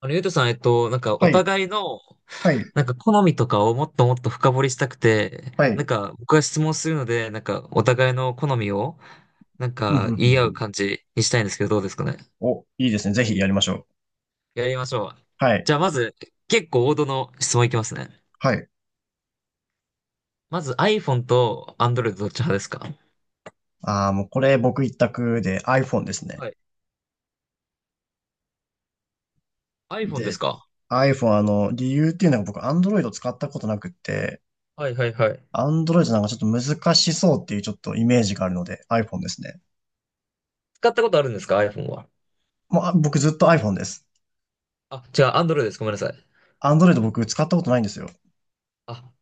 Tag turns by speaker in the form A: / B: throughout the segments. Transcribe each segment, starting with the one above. A: ゆうとさん、なんか、
B: は
A: お
B: い、
A: 互いの、
B: はい、
A: なんか、好みとかをもっともっと深掘りしたくて、
B: はい。
A: なんか、僕が質問するので、なんか、お互いの好みを、なん
B: うんうんう
A: か、
B: ん
A: 言い
B: う
A: 合う
B: ん。
A: 感じにしたいんですけど、どうですかね。
B: お、いいですね。ぜひやりましょう。
A: やりましょう。
B: は
A: じ
B: い、
A: ゃあ、まず、結構王道の質問いきますね。
B: はい。
A: まず、iPhone と Android どっち派ですか？
B: ああ、もうこれ僕一択で iPhone ですね。
A: はい。iPhone です
B: で、
A: か？
B: iPhone、理由っていうのが僕 Android を使ったことなくって、
A: はいはいはい。
B: Android なんかちょっと難しそうっていうちょっとイメージがあるので iPhone ですね。
A: 使ったことあるんですか？ iPhone は。
B: もう、あ、僕ずっと iPhone です。
A: あ、違う、Android です。ごめんなさい。
B: Android 僕使ったことないんですよ。
A: あ、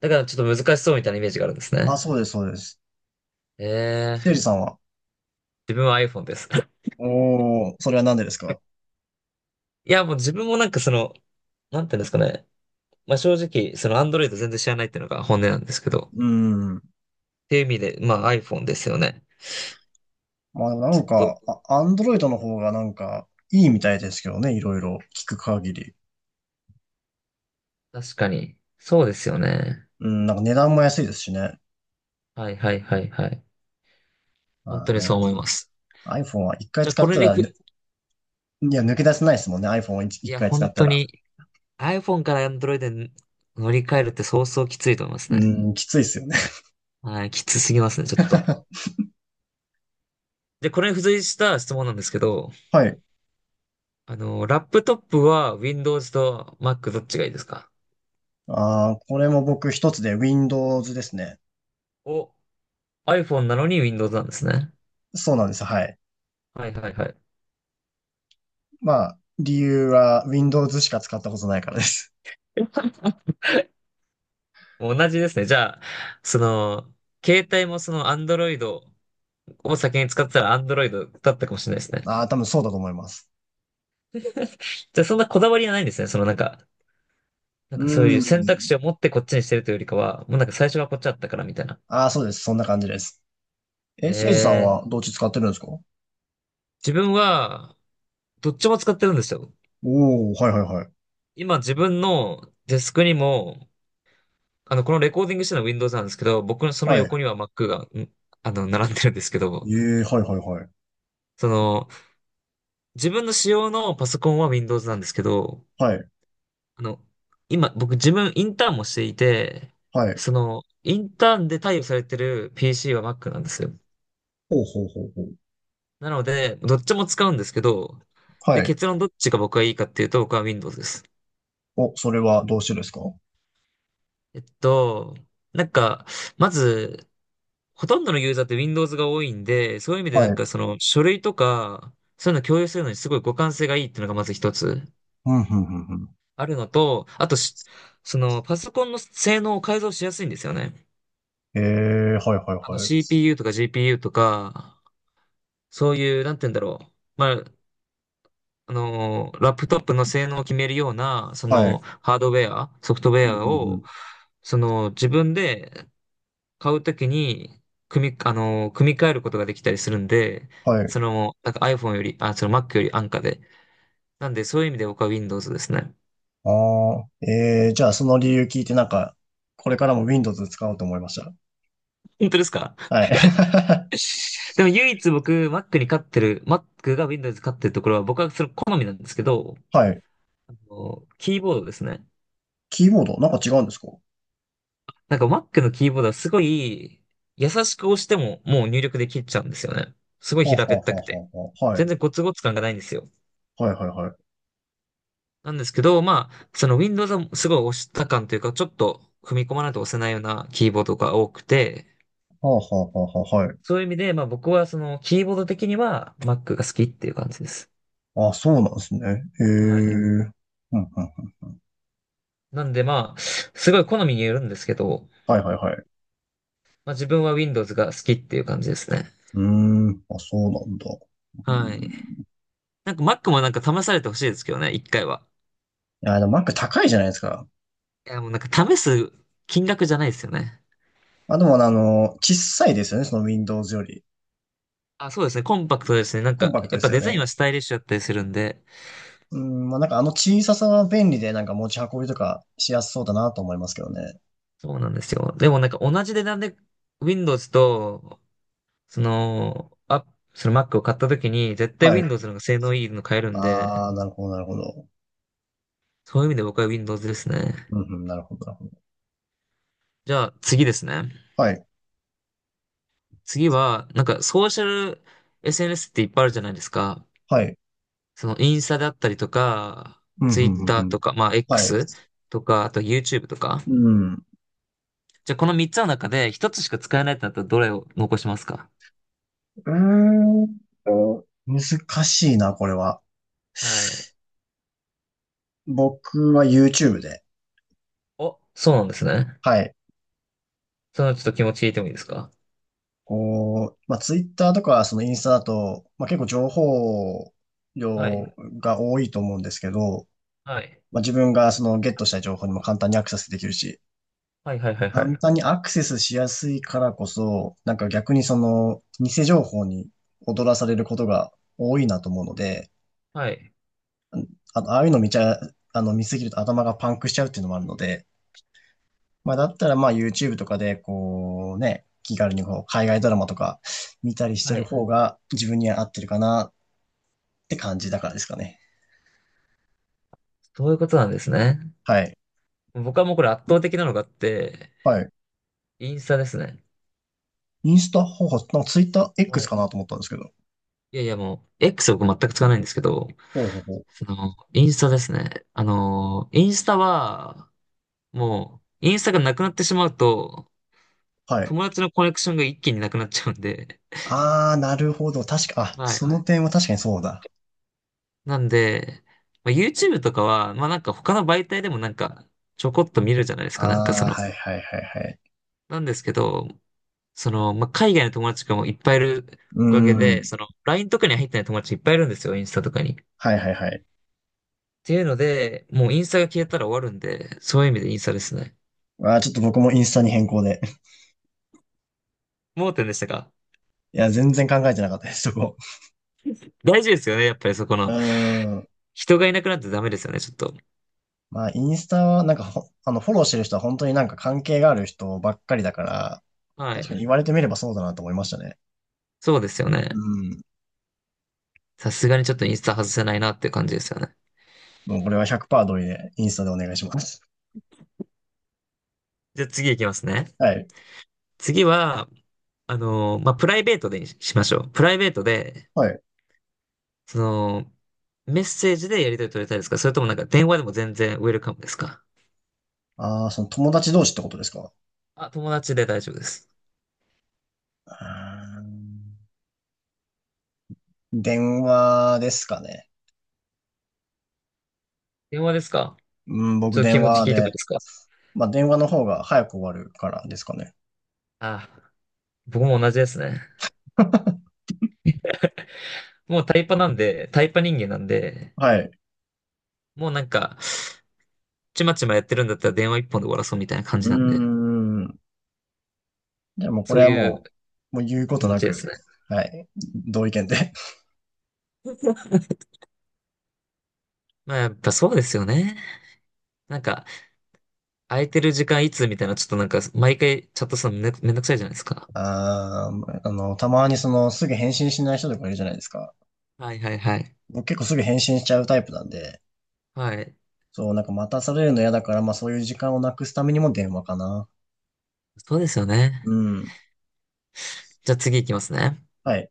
A: だからちょっと難しそうみたいなイメージがあるんです
B: あ、
A: ね。
B: そうです、そうです。
A: え
B: せい
A: ー、
B: じさんは？
A: 自分は iPhone です。
B: おー、それはなんでですか？
A: いや、もう自分もなんかその、なんていうんですかね。まあ正直、その Android 全然知らないっていうのが本音なんですけど。
B: うーん。
A: っていう意味で、まあ iPhone ですよね。
B: まあな
A: ず
B: ん
A: っと。
B: か、アンドロイドの方がなんかいいみたいですけどね、いろいろ聞く限り。
A: 確かに。そうですよね。
B: うん、なんか値段も安いですしね。
A: はいはいはいはい。本
B: まあ
A: 当にそ
B: ね、
A: う思います。
B: iPhone は一回
A: じゃあ
B: 使
A: こ
B: っ
A: れ
B: た
A: に
B: ら、
A: ふ、い
B: ね、いや、抜け出せないですもんね、iPhone を一一
A: や、
B: 回使
A: 本
B: った
A: 当
B: ら。
A: に iPhone から Android に乗り換えるってそうそうきついと思います
B: う
A: ね。
B: ん、きついですよね。
A: はい、きつすぎますね、ちょっと。で、これに付随した質問なんですけど、
B: はい。
A: ラップトップは Windows と Mac どっちがいいですか？
B: ああ、これも僕一つで Windows ですね。
A: お、iPhone なのに Windows なんですね。
B: そうなんです。はい。
A: はいはいはい。
B: まあ、理由は Windows しか使ったことないからです。
A: 同じですね。じゃあ、その、携帯もその Android を先に使ってたら Android だったかもしれないです ね。
B: ああ、多分そうだと思います。
A: じゃあそんなこだわりはないんですね。そのなんか、なん
B: う
A: かそういう
B: ん。
A: 選択肢を持ってこっちにしてるというよりかは、もうなんか最初はこっちだったからみたいな。
B: ああ、そうです。そんな感じです。
A: え
B: え、せいじさん
A: ー、
B: はどっち使ってるんですか？
A: 自分はどっちも使ってるんですよ。
B: おお、はいはいはい。
A: 今自分のデスクにも、このレコーディングしてるのは Windows なんですけど、僕のその
B: はい。
A: 横には Mac が、並んでるんですけ
B: え
A: ど、
B: え、はいはいはい。
A: その、自分の使用のパソコンは Windows なんですけど、
B: はい。
A: あの、今、僕自分インターンもしていて、
B: はい。
A: インターンで貸与されてる PC は Mac なんですよ。
B: ほうほうほうほう。
A: なので、どっちも使うんですけど、で、
B: はい。
A: 結論どっちが僕はいいかっていうと、僕は Windows です。
B: お、それはどうしてですか？は
A: えっと、なんか、まず、ほとんどのユーザーって Windows が多いんで、そういう意味でなんかそ
B: い。
A: の書類とか、そういうの共有するのにすごい互換性がいいっていうのがまず一つ
B: うん、うん、うん、
A: あるのと、あとし、そのパソコンの性能を改造しやすいんですよね。
B: うん。ええ、はいはいはい。
A: CPU とか GPU とか、そういう、なんて言うんだろう。まあ、ラップトップの性能を決めるような、
B: はい。
A: ハードウェア、ソフトウ
B: う
A: ェ
B: ん、う
A: ア
B: ん、う
A: を、
B: ん。
A: 自分で買うときに、組み、あのー組み替えることができたりするんで、
B: はい。
A: なんか iPhone より、あ、その Mac より安価で。なんで、そういう意味で僕は Windows ですね。
B: ああ、ええ、じゃあその理由聞いてなんか、これからも Windows 使おうと思いました。
A: 本当ですか？
B: はい。
A: でも唯一僕、Mac が Windows に勝ってるところは、僕はそれ好みなんですけど、
B: はい。
A: キーボードですね。
B: キーボード、なんか違うんですか？は
A: なんか Mac のキーボードはすごい優しく押してももう入力できちゃうんですよね。すごい
B: あ、は
A: 平
B: あ
A: べっ
B: は
A: たく
B: あ
A: て。
B: はあはあ、は
A: 全
B: い。
A: 然ゴツゴツ感がないんですよ。
B: はいはいはい。は
A: なんですけど、まあ、その Windows はすごい押した感というか、ちょっと踏み込まないと押せないようなキーボードが多くて、
B: あ、はあはあはあ、はい。
A: そういう意味で、まあ僕はそのキーボード的には Mac が好きっていう感じです。
B: あ、そうなんですね。へえ。
A: はい。
B: うんうん。
A: なんでまあ、すごい好みによるんですけど、
B: はいはいはい。
A: まあ自分は Windows が好きっていう感じですね。
B: うーん、あ、そうなんだ。う
A: はい。
B: んい
A: なんか Mac もなんか試されてほしいですけどね、一回は。
B: や、でも Mac 高いじゃないですか。
A: いや、もうなんか試す金額じゃないですよね。
B: あ、でも小さいですよね、その Windows より。
A: あ、そうですね。コンパクトですね。なん
B: コン
A: か、
B: パクト
A: や
B: で
A: っぱ
B: すよ
A: デザイン
B: ね。
A: はスタイリッシュだったりするんで。
B: うん、まあ、なんかあの小ささは便利で、なんか持ち運びとかしやすそうだなと思いますけどね。
A: そうなんですよ。でもなんか同じ値段で Windows と、その、あ、その Mac を買った時に、絶対
B: はい。
A: Windows の方が性能いいの買えるんで、
B: ああ、なるほど、なるほど。
A: そういう意味で僕は Windows ですね。
B: うん、うん、なるほど、なるほど。
A: じゃあ次ですね。
B: はい、
A: 次は、なんかソーシャル SNS っていっぱいあるじゃないですか。
B: はい。
A: そのインスタだったりとか、
B: うん、うん、うん、う
A: Twitter
B: ん。
A: とか、まあ
B: はい。
A: X とか、あと YouTube とか。
B: うん。
A: じゃあこの3つの中で1つしか使えないってなったらどれを残しますか？
B: ーん難しいな、これは。
A: はい。
B: 僕は YouTube で。
A: お、そうなんですね。
B: はい。
A: ちょっと気持ちいいてもいいですか？
B: こう、まあ、ツイッターとか、そのインスタだと、まあ、結構情報
A: は
B: 量
A: い。
B: が多いと思うんですけど、
A: はい。
B: まあ、自分がそのゲットした情報にも簡単にアクセスできるし、
A: はいはいはいは
B: 簡
A: い。
B: 単にアクセスしやすいからこそ、なんか逆にその偽情報に踊らされることが多いなと思うので、
A: はい。
B: あの、ああいうの見ちゃ、あの、見すぎると頭がパンクしちゃうっていうのもあるので、まあ、だったらまあ YouTube とかでこうね、気軽にこう海外ドラマとか見たりして
A: は
B: る
A: い。
B: 方が自分には合ってるかなって感じだからですかね。
A: そういうことなんですね。
B: はい。
A: 僕はもうこれ圧倒的なのがあって、
B: はい。
A: インスタですね。
B: インスタ、ほうほう、なんかツイッター
A: は
B: X
A: い。
B: かなと思ったんですけど。
A: いやいやもう、X は僕全く使わないんですけど、
B: ほうほうほう。
A: インスタですね。あのー、インスタは、もう、インスタがなくなってしまうと、
B: はい。
A: 友達のコネクションが一気になくなっちゃうんで、
B: あー、なるほど。確か、あ、
A: はい。
B: その点は確かにそうだ。
A: なんで、まあ、YouTube とかは、まあなんか他の媒体でもなんかちょこっと見るじゃないですか、なんかそ
B: あー、
A: の。
B: はいはいはいはい。
A: なんですけど、まあ海外の友達とかもいっぱいいる
B: う
A: おかげ
B: ー
A: で、
B: ん。
A: その LINE とかに入ってない友達いっぱいいるんですよ、インスタとかに。っ
B: はいはいはい。
A: ていうので、もうインスタが消えたら終わるんで、そういう意味でインスタですね。
B: あー、ちょっと僕もインスタに変更で。
A: 盲点でしたか？
B: いや、全然考えてなかったです、そこ。
A: 大事ですよね、やっぱりそこ
B: う
A: の。
B: ーん。
A: 人がいなくなってダメですよね、ちょっと。
B: まあ、インスタは、なんかほ、あの、フォローしてる人は本当になんか関係がある人ばっかりだから、
A: は
B: 確かに
A: い。
B: 言われてみればそうだなと思いましたね。
A: そうですよね。
B: うん。
A: さすがにちょっとインスタ外せないなっていう感じですよね。
B: もうこれは100%同意で、インスタでお願いします。
A: じゃあ次行きますね。
B: はい。
A: 次は、まあ、プライベートでにししましょう。プライベートで、
B: はい。
A: その、メッセージでやり取り取りたいですか？それともなんか電話でも全然ウェルカムですか？
B: ああ、その友達同士ってことですか？
A: あ、友達で大丈夫です。
B: うーん電話ですかね。
A: 電話ですか？
B: うん、
A: ち
B: 僕
A: ょっと気
B: 電
A: 持
B: 話
A: ち聞いてもいい
B: で。
A: ですか？
B: まあ、電話の方が早く終わるからですかね。
A: あ、僕も同じですね。もうタイパなんで、タイパ人間なんで、
B: はい。
A: もうなんか、ちまちまやってるんだったら電話一本で終わらそうみたいな感
B: う
A: じ
B: ー
A: なんで、
B: ん。じゃあもうこ
A: そ
B: れ
A: う
B: は
A: いう
B: もう、もう言うこ
A: 気
B: と
A: 持
B: な
A: ちで
B: く、
A: すね。
B: はい。同意見で。
A: まあやっぱそうですよね。なんか、空いてる時間いつみたいな、ちょっとなんか、毎回チャットするのめんめんどくさいじゃないですか。
B: ああ、たまにすぐ返信しない人とかいるじゃないですか。
A: はいはいはい。
B: 僕結構すぐ返信しちゃうタイプなんで、
A: はい。
B: そう、なんか待たされるの嫌だから、まあそういう時間をなくすためにも電話かな。
A: そうですよ
B: う
A: ね。
B: ん。
A: じゃあ次いきますね。
B: はい。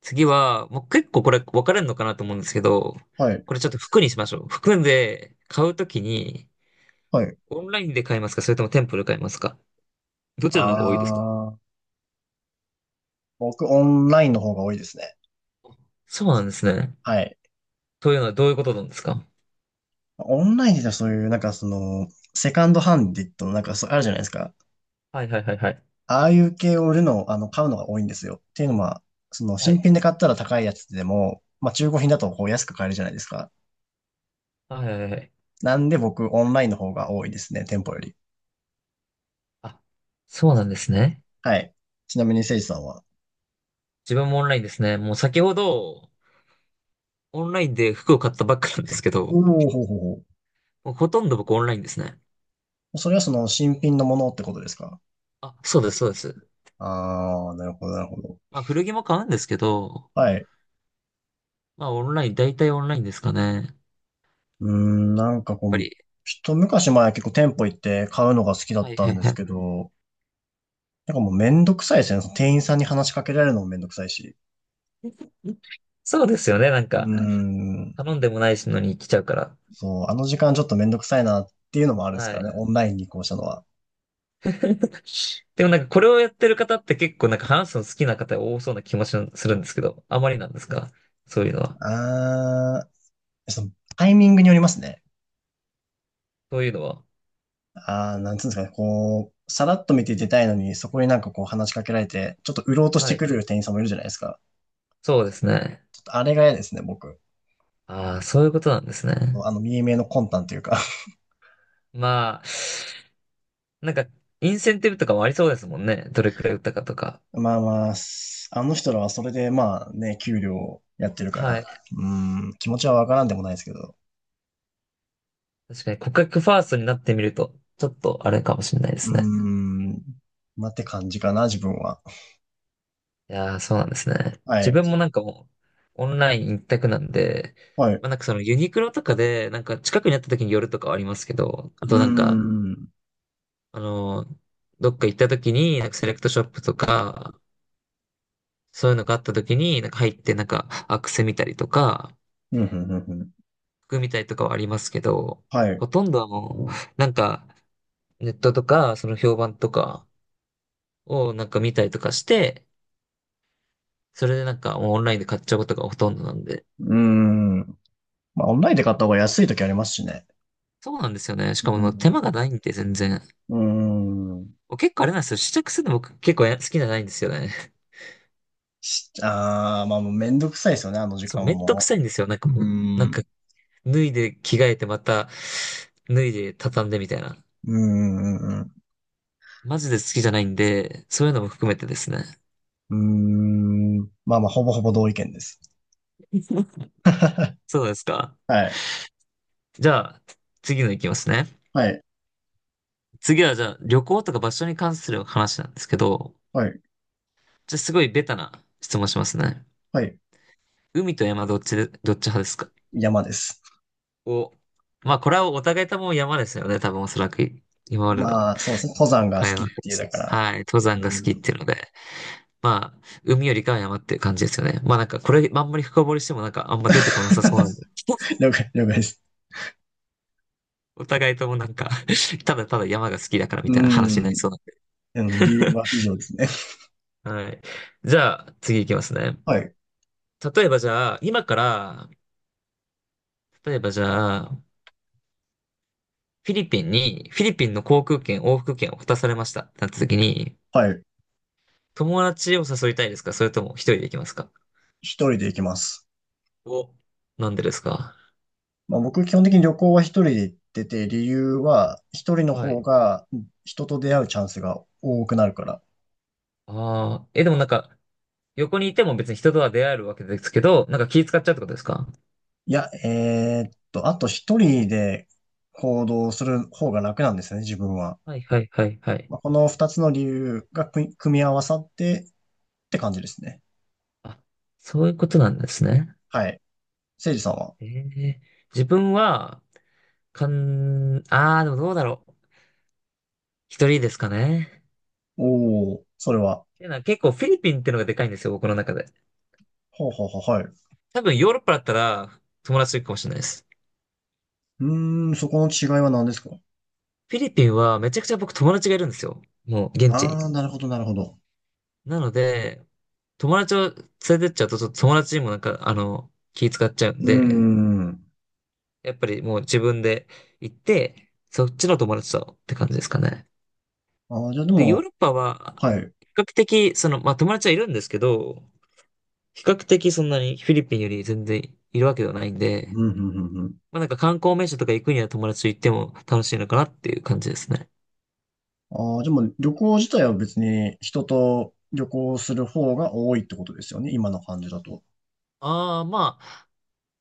A: 次は、もう結構これ分かれるのかなと思うんですけど、
B: はい。
A: これちょっと服にしましょう。服で買うときに、
B: はい。
A: オンラインで買いますか？それとも店舗で買いますか？どちらの方が多いですか？
B: ああ、僕オンラインの方が多いですね。
A: そうなんですね。
B: はい。
A: というのはどういうことなんですか？
B: オンラインでそういう、セカンドハンディットのあるじゃないですか。
A: はいはいはいはい。
B: ああいう系を売るの、あの、買うのが多いんですよ。っていうのは、
A: は
B: 新品
A: い。
B: で買ったら高いやつでも、まあ、中古品だとこう安く買えるじゃないですか。
A: はいはいはい。
B: なんで僕、オンラインの方が多いですね、店舗より。
A: あ、そうなんですね。
B: はい。ちなみに、せいじさんは。
A: 自分もオンラインですね。もう先ほど、オンラインで服を買ったばっかなんですけ
B: おお、
A: ど、
B: ほうほうほ
A: もうほとんど僕オンラインですね。
B: う。それは新品のものってことですか？
A: あ、そうですそうです。
B: ああー、なるほど、なるほど。
A: まあ古着も買うんですけど、
B: はい。
A: まあ、オンライン、大体オンラインですかね。やっ
B: うーん、なんかこ
A: ぱ
B: う、
A: り。
B: 一昔前は結構店舗行って買うのが好きだっ
A: はい
B: た
A: は
B: ん
A: い
B: です
A: は
B: けど、なんかもうめんどくさいですね。その店員さんに話しかけられるのもめんどくさいし。
A: い。そうですよね。なん
B: うー
A: か、
B: ん、
A: 頼んでもないのに来ちゃうから。
B: そう、あの時間ちょっとめんどくさいなっていうのもあるんです
A: は
B: から
A: い。
B: ね。オンラインに移行したのは。
A: でもなんか、これをやってる方って結構なんか話すの好きな方が多そうな気もしするんですけど、あまりなんですか？そういうのは。
B: あー、そのタイミングによりますね。
A: そういうのは。
B: あー、なんつうんですかね。こう、さらっと見て出たいのに、そこになんかこう話しかけられて、ちょっと売ろうとし
A: は
B: て
A: い。
B: くる店員さんもいるじゃないですか。
A: そうですね。
B: ちょっとあれが嫌ですね、僕。
A: ああ、そういうことなんですね。
B: 見え見えの魂胆というか
A: まあ、なんか、インセンティブとかもありそうですもんね。どれくらい打ったかとか。
B: まあまあ、あの人らはそれでまあね、給料やってるか
A: は
B: ら、
A: い。
B: うーん、気持ちはわからんでもないですけど、
A: 確かに、顧客ファーストになってみると、ちょっとあれかもしれないで
B: うー
A: すね。
B: ん、まあって感じかな、自分は。
A: いやー、そうなんですね。
B: は
A: 自
B: い。
A: 分もなんかもう、オンライン一択なんで、
B: はい。う
A: まあなんかそのユニクロとかで、なんか近くにあった時に寄るとかはありますけど、あ
B: ー
A: となんか、
B: ん。
A: あのーどっか行った時に、なんかセレクトショップとか、そういうのがあった時に、なんか入ってなんかアクセ見たりとか、
B: うん、うん、うん、うん。
A: 服見たりとかはありますけど、
B: はい。う
A: ほとんどはもう、なんかネットとか、その評判とかをなんか見たりとかして、それでなんかもうオンラインで買っちゃうことがほとんどなんで、
B: ーん。まあ、オンラインで買った方が安い時ありますしね。
A: そうなんですよね。し
B: う
A: かも、まあ、手間
B: ん。
A: がないんで、全然。
B: うーん。
A: 僕結構あれなんですよ。試着するの僕結構好きじゃないんですよね。
B: ああ、まあもうめんどくさいですよね、あの 時
A: そう、
B: 間
A: めんどく
B: も。
A: さいんですよ。なんか
B: う
A: もう、な
B: ー
A: んか、
B: ん。
A: 脱いで着替えてまた、脱いで畳んでみたいな。
B: うーん、うん、
A: マジで好きじゃないんで、そういうのも含めてですね。
B: うん。うーん。まあまあ、ほぼほぼ同意見です。
A: そうですか。
B: はい。
A: じゃあ、次のいきますね。
B: はい。
A: 次はじゃあ、旅行とか場所に関する話なんですけど、
B: はい。
A: じゃあすごいベタな質問しますね。
B: はい。
A: 海と山どっち派ですか？
B: 山です。
A: お、まあ、これはお互いとも山ですよね。多分おそらく今までの
B: まあ、そうですね。登山が好
A: 会
B: きっ
A: 話で
B: ていう、
A: す。
B: だから、
A: はい。登山が
B: う
A: 好きっ
B: ん。
A: ていうので。まあ、海よりかは山っていう感じですよね。まあなんかこれ、あんまり深掘りしてもなんかあんま出てこなさそうなんで。
B: 了解、了解です。
A: お互いともなんか ただただ山が好きだからみ
B: う
A: たいな話になり
B: ん。
A: そうなんで。
B: うん、理由は以上ですね。
A: はい。じゃあ、次行きますね。
B: はい。
A: 例えばじゃあ、今から、例えばじゃあ、フィリピンに、フィリピンの航空券、往復券を渡されました。なった時に、
B: はい。
A: 友達を誘いたいですかそれとも一人で行きますか？
B: 一人で行きます。
A: お、なんでですか？
B: まあ、僕、基本的に旅行は一人で行ってて、理由は、一人の
A: は
B: 方
A: い。
B: が人と出会うチャンスが多くなるから。
A: ああ、え、でもなんか、横にいても別に人とは出会えるわけですけど、なんか気使っちゃうってことですか？
B: いや、あと一人で行動する方が楽なんですね、自分は。
A: はいはいはいはい。
B: まあ、この二つの理由が組み合わさってって感じですね。
A: あ、そういうことなんですね。
B: はい。せいじさんは？
A: ええ、自分は、ああ、でもどうだろう。一人ですかね。
B: おお、それは。
A: で、なんか結構フィリピンってのがでかいんですよ、僕の中で。
B: はあ、はあはあ、はい。う
A: 多分ヨーロッパだったら友達いるかもしれないです。
B: ーん、そこの違いは何ですか？
A: フィリピンはめちゃくちゃ僕友達がいるんですよ。もう現地
B: あ
A: に。
B: あー、なるほど、なるほど。
A: なので、友達を連れてっちゃうと、ちょっと友達にもなんか、あの、気使っちゃうん
B: うー
A: で、
B: ん。
A: やっぱりもう自分で行って、そっちの友達とって感じですかね。
B: ああ、じゃあで
A: で、ヨー
B: も、
A: ロッパは、
B: はい。う
A: 比較的、その、まあ友達はいるんですけど、比較的そんなにフィリピンより全然いるわけではないん
B: ん、う
A: で、
B: ん、うん、うん。
A: まあなんか観光名所とか行くには友達と行っても楽しいのかなっていう感じですね。
B: ああ、でも旅行自体は別に人と旅行する方が多いってことですよね、今の感じだと。
A: ああ、まあ、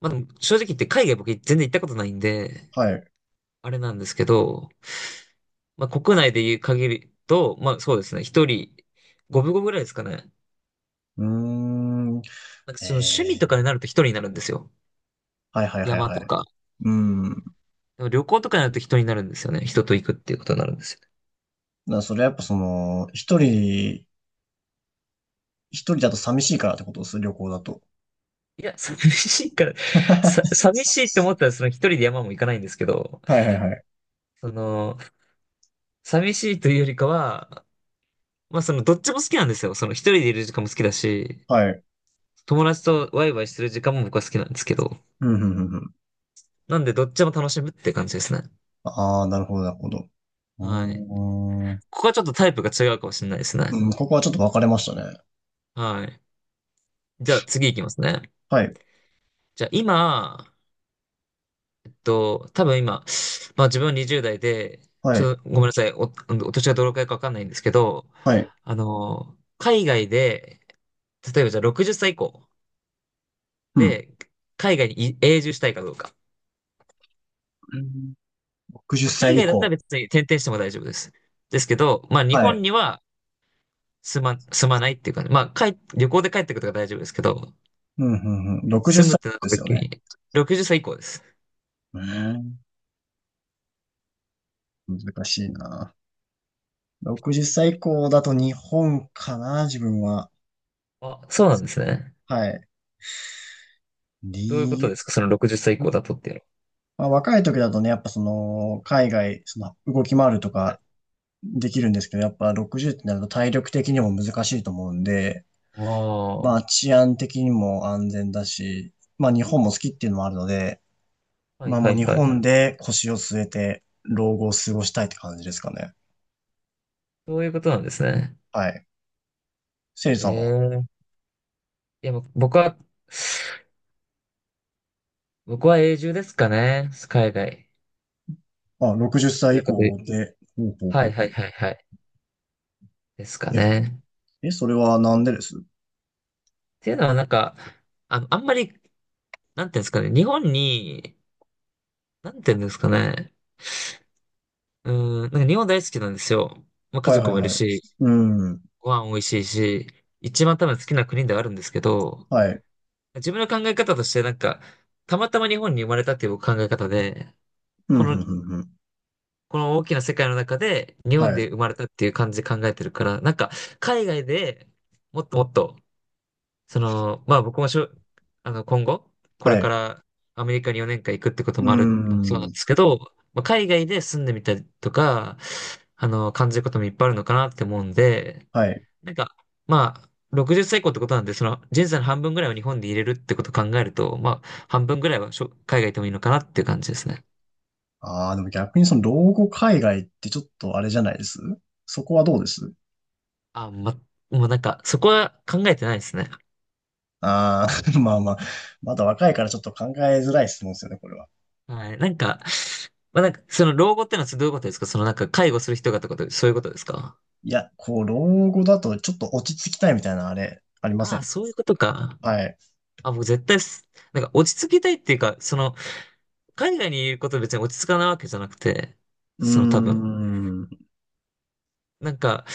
A: まあでも正直言って海外僕全然行ったことないんで、
B: はい。
A: あれなんですけど、まあ、国内で言う限りと、まあそうですね、一人、五分五分ぐらいですかね。
B: うーん。
A: なんか
B: え
A: その趣味とか
B: え。
A: になると一人になるんですよ。
B: はいはいはい
A: 山
B: は
A: と
B: い。
A: か。
B: うん。だか
A: でも旅行とかになると人になるんですよね。人と行くっていうことになるんですよね。
B: らそれはやっぱその、一人だと寂しいからってことです、旅行だと。
A: いや、寂しいから、
B: は
A: 寂しいって思ったらその一人で山も行かないんですけど、
B: いはいはい。
A: その、寂しいというよりかは、まあそのどっちも好きなんですよ。その一人でいる時間も好きだし、
B: はい。
A: 友達とワイワイする時間も僕は好きなんですけど、
B: うん、うん、うんうん。
A: なんでどっちも楽しむって感じですね。
B: ああ、なるほど、なるほど。うー
A: はい。
B: ん、う
A: ここはちょっとタイプが違うかもしれないですね。
B: ん、ここはちょっと分かれましたね。
A: はい。じゃあ次行きますね。
B: はい、
A: じゃあ今、多分今、まあ自分20代で、
B: は
A: ち
B: い、
A: ょっとごめんなさい、お年がどのくらいかわかんないんですけど、
B: はい。
A: あの、海外で、例えばじゃあ60歳以降
B: うん。
A: で、海外に永住したいかどうか。
B: うん。60
A: まあ、海
B: 歳以
A: 外だったら
B: 降。
A: 別に転々しても大丈夫です。ですけど、まあ日
B: は
A: 本
B: い。
A: には住まないっていうか、まあ旅行で帰ってくるとか大丈夫ですけど、
B: うん、うん、うん。60
A: 住むっ
B: 歳
A: てなった
B: ですよ
A: 時
B: ね。
A: に、60歳以降です。
B: うん、難しいな。60歳以降だと日本かな、自分は。
A: あ、そうなんですね。
B: はい。
A: どういうこ
B: 理
A: と
B: 由。
A: ですかその60歳以降だとっていうの
B: まあ、若い時だとね、やっぱその、海外、その、動き回ると
A: は。はい。
B: かできるんですけど、やっぱ60ってなると体力的にも難しいと思うんで、
A: あ
B: まあ治安的にも安全だし、まあ日本も好きっていうのもあるので、
A: あ、はい
B: まあ
A: は
B: もう
A: い
B: 日
A: はい。
B: 本で腰を据えて老後を過ごしたいって感じですかね。
A: そういうことなんですね。
B: はい。せいじ
A: え
B: さんは、
A: え。いや、もう僕は、僕は永住ですかね。海外。
B: あ、60
A: どち
B: 歳以
A: らかという
B: 降で、ほうほう
A: は
B: ほ
A: い
B: う
A: は
B: ほう。
A: いはいはい。ですか
B: え、
A: ね。
B: それはなんでです？
A: っていうのはなんか、あ、あんまり、なんていうんですかね。日本に、なんていうんですかね。うーん、なんか日本大好きなんですよ。まあ、家
B: はいは
A: 族
B: い
A: もいる
B: はい。
A: し、
B: うん。
A: ご飯美味しいし、一番多分好きな国ではあるんですけど、
B: はい。
A: 自分の考え方として、なんか、たまたま日本に生まれたっていう考え方で、
B: うん、
A: こ
B: うん、う
A: の、
B: ん、うん。
A: この大きな世界の中で、日
B: は
A: 本
B: い。
A: で生まれたっていう感じで考えてるから、なんか、海外でもっともっと、その、まあ僕もしょ、あの、今後、これ
B: は
A: か
B: い。
A: らアメリカに4年間行くってこと
B: う
A: もあるのもそうなんで
B: ん。
A: すけど、まあ、海外で住んでみたりとか、あの、感じることもいっぱいあるのかなって思うんで、
B: はい。
A: なんか、まあ、60歳以降ってことなんで、その人生の半分ぐらいを日本で入れるってことを考えると、まあ、半分ぐらいは海外行ってもいいのかなっていう感じですね。
B: ああ、でも逆にその老後海外ってちょっとあれじゃないです？そこはどうです？
A: あ、ま、もうなんか、そこは考えてないですね。
B: ああ、まあまあ、まだ若いからちょっと考えづらい質問ですよね、これは。
A: はい。なんか、まあ、なんか、その老後ってのはどういうことですかそのなんか、介護する人がってこと、そういうことですか？
B: いや、こう、老後だとちょっと落ち着きたいみたいなあれ、ありませ
A: ああ、
B: ん？
A: そういうことか。
B: はい。
A: あ、もう絶対す、なんか落ち着きたいっていうか、その、海外にいることで別に落ち着かないわけじゃなくて、
B: うー
A: その多分、
B: ん。
A: なんか、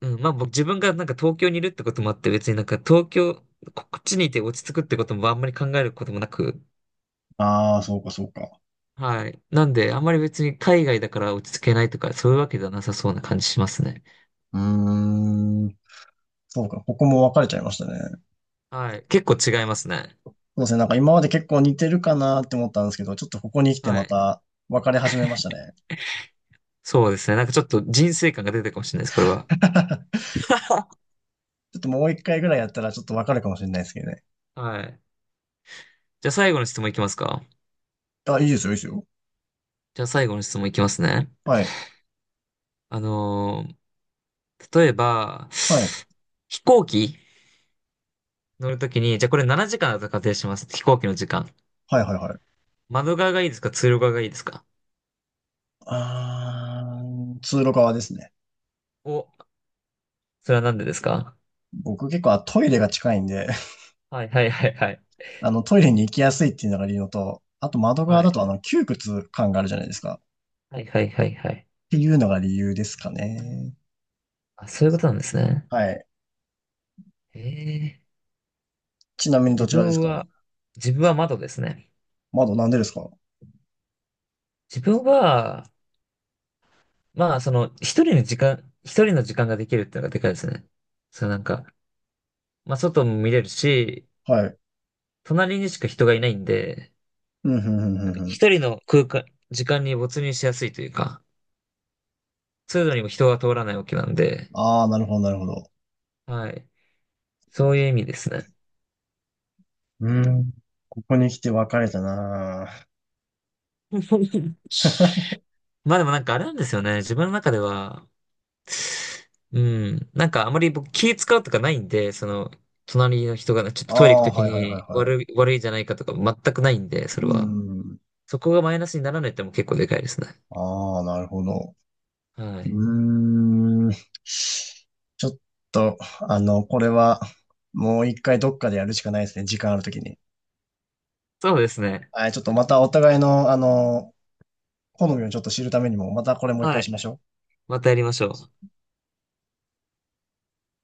A: うん、まあ僕自分がなんか東京にいるってこともあって別になんか東京、ここっちにいて落ち着くってこともあんまり考えることもなく、
B: ああ、そうか、そうか。
A: はい。なんであんまり別に海外だから落ち着けないとかそういうわけではなさそうな感じしますね。
B: うーん。そうか、ここも分かれちゃいましたね。
A: はい。結構違いますね。
B: そうですね、なんか今まで結構似てるかなって思ったんですけど、ちょっとここに来て
A: は
B: ま
A: い。
B: た分かれ始めましたね。
A: そうですね。なんかちょっと人生観が出てるかもしれないです、これは。
B: ちょっともう一回ぐらいやったらちょっと分かるかもしれないですけどね。
A: はい。じゃあ最後の質問いきますか？
B: あ、いいですよ、いいですよ。
A: じゃあ最後の質問いきますね。
B: はい。
A: あのー例えば、
B: はい。
A: 飛行機乗るときに、じゃあこれ7時間だと仮定します。飛行機の時間。
B: はい、はい、はい。
A: 窓側がいいですか通路側がいいですか？
B: あー、通路側ですね。
A: お、それはなんでですか？
B: 僕結構トイレが近いんで、
A: はいはいはいはい。
B: あのトイレに行きやすいっていうのが理由のと、あと窓側
A: は
B: だ
A: い。
B: とあの窮屈感があるじゃないですか。
A: はいはいはいはい。
B: っていうのが理由ですかね。
A: あ、そういうことなんですね。
B: はい。
A: へえ。
B: ちなみにど
A: 自
B: ちらです
A: 分
B: か？
A: は、自分は窓ですね。
B: 窓なんでですか？
A: 自分は、まあその、一人の時間ができるっていうのがでかいですね。そうなんか、まあ外も見れるし、
B: はい。
A: 隣にしか人がいないんで、
B: うん、ふんふんふ
A: な
B: ん
A: んか
B: ふん。
A: 一人の空間、時間に没入しやすいというか、通路にも人が通らないわけなんで、
B: ああ、なるほど、なるほど。
A: はい。そういう意味ですね。
B: うん。ここに来て別れたなあ。
A: まあでもなんかあれなんですよね。自分の中では、うん、なんかあまり僕気使うとかないんで、その、隣の人がねちょっ
B: あ
A: とトイレ行くと
B: あ、
A: き
B: はいはいは
A: に
B: いはい。
A: 悪いんじゃないかとか全くないんで、そ
B: う
A: れは。
B: ん。
A: そこがマイナスにならないってのも結構でかいですね。
B: ああ、なるほど。
A: はい。
B: うーん。ちょっと、あの、これは、もう一回どっかでやるしかないですね。時間あるときに。
A: そうですね。
B: はい、ちょっとまたお互いの、あの、好みをちょっと知るためにも、またこれもう一
A: は
B: 回し
A: い。
B: ましょう。
A: またやりましょう。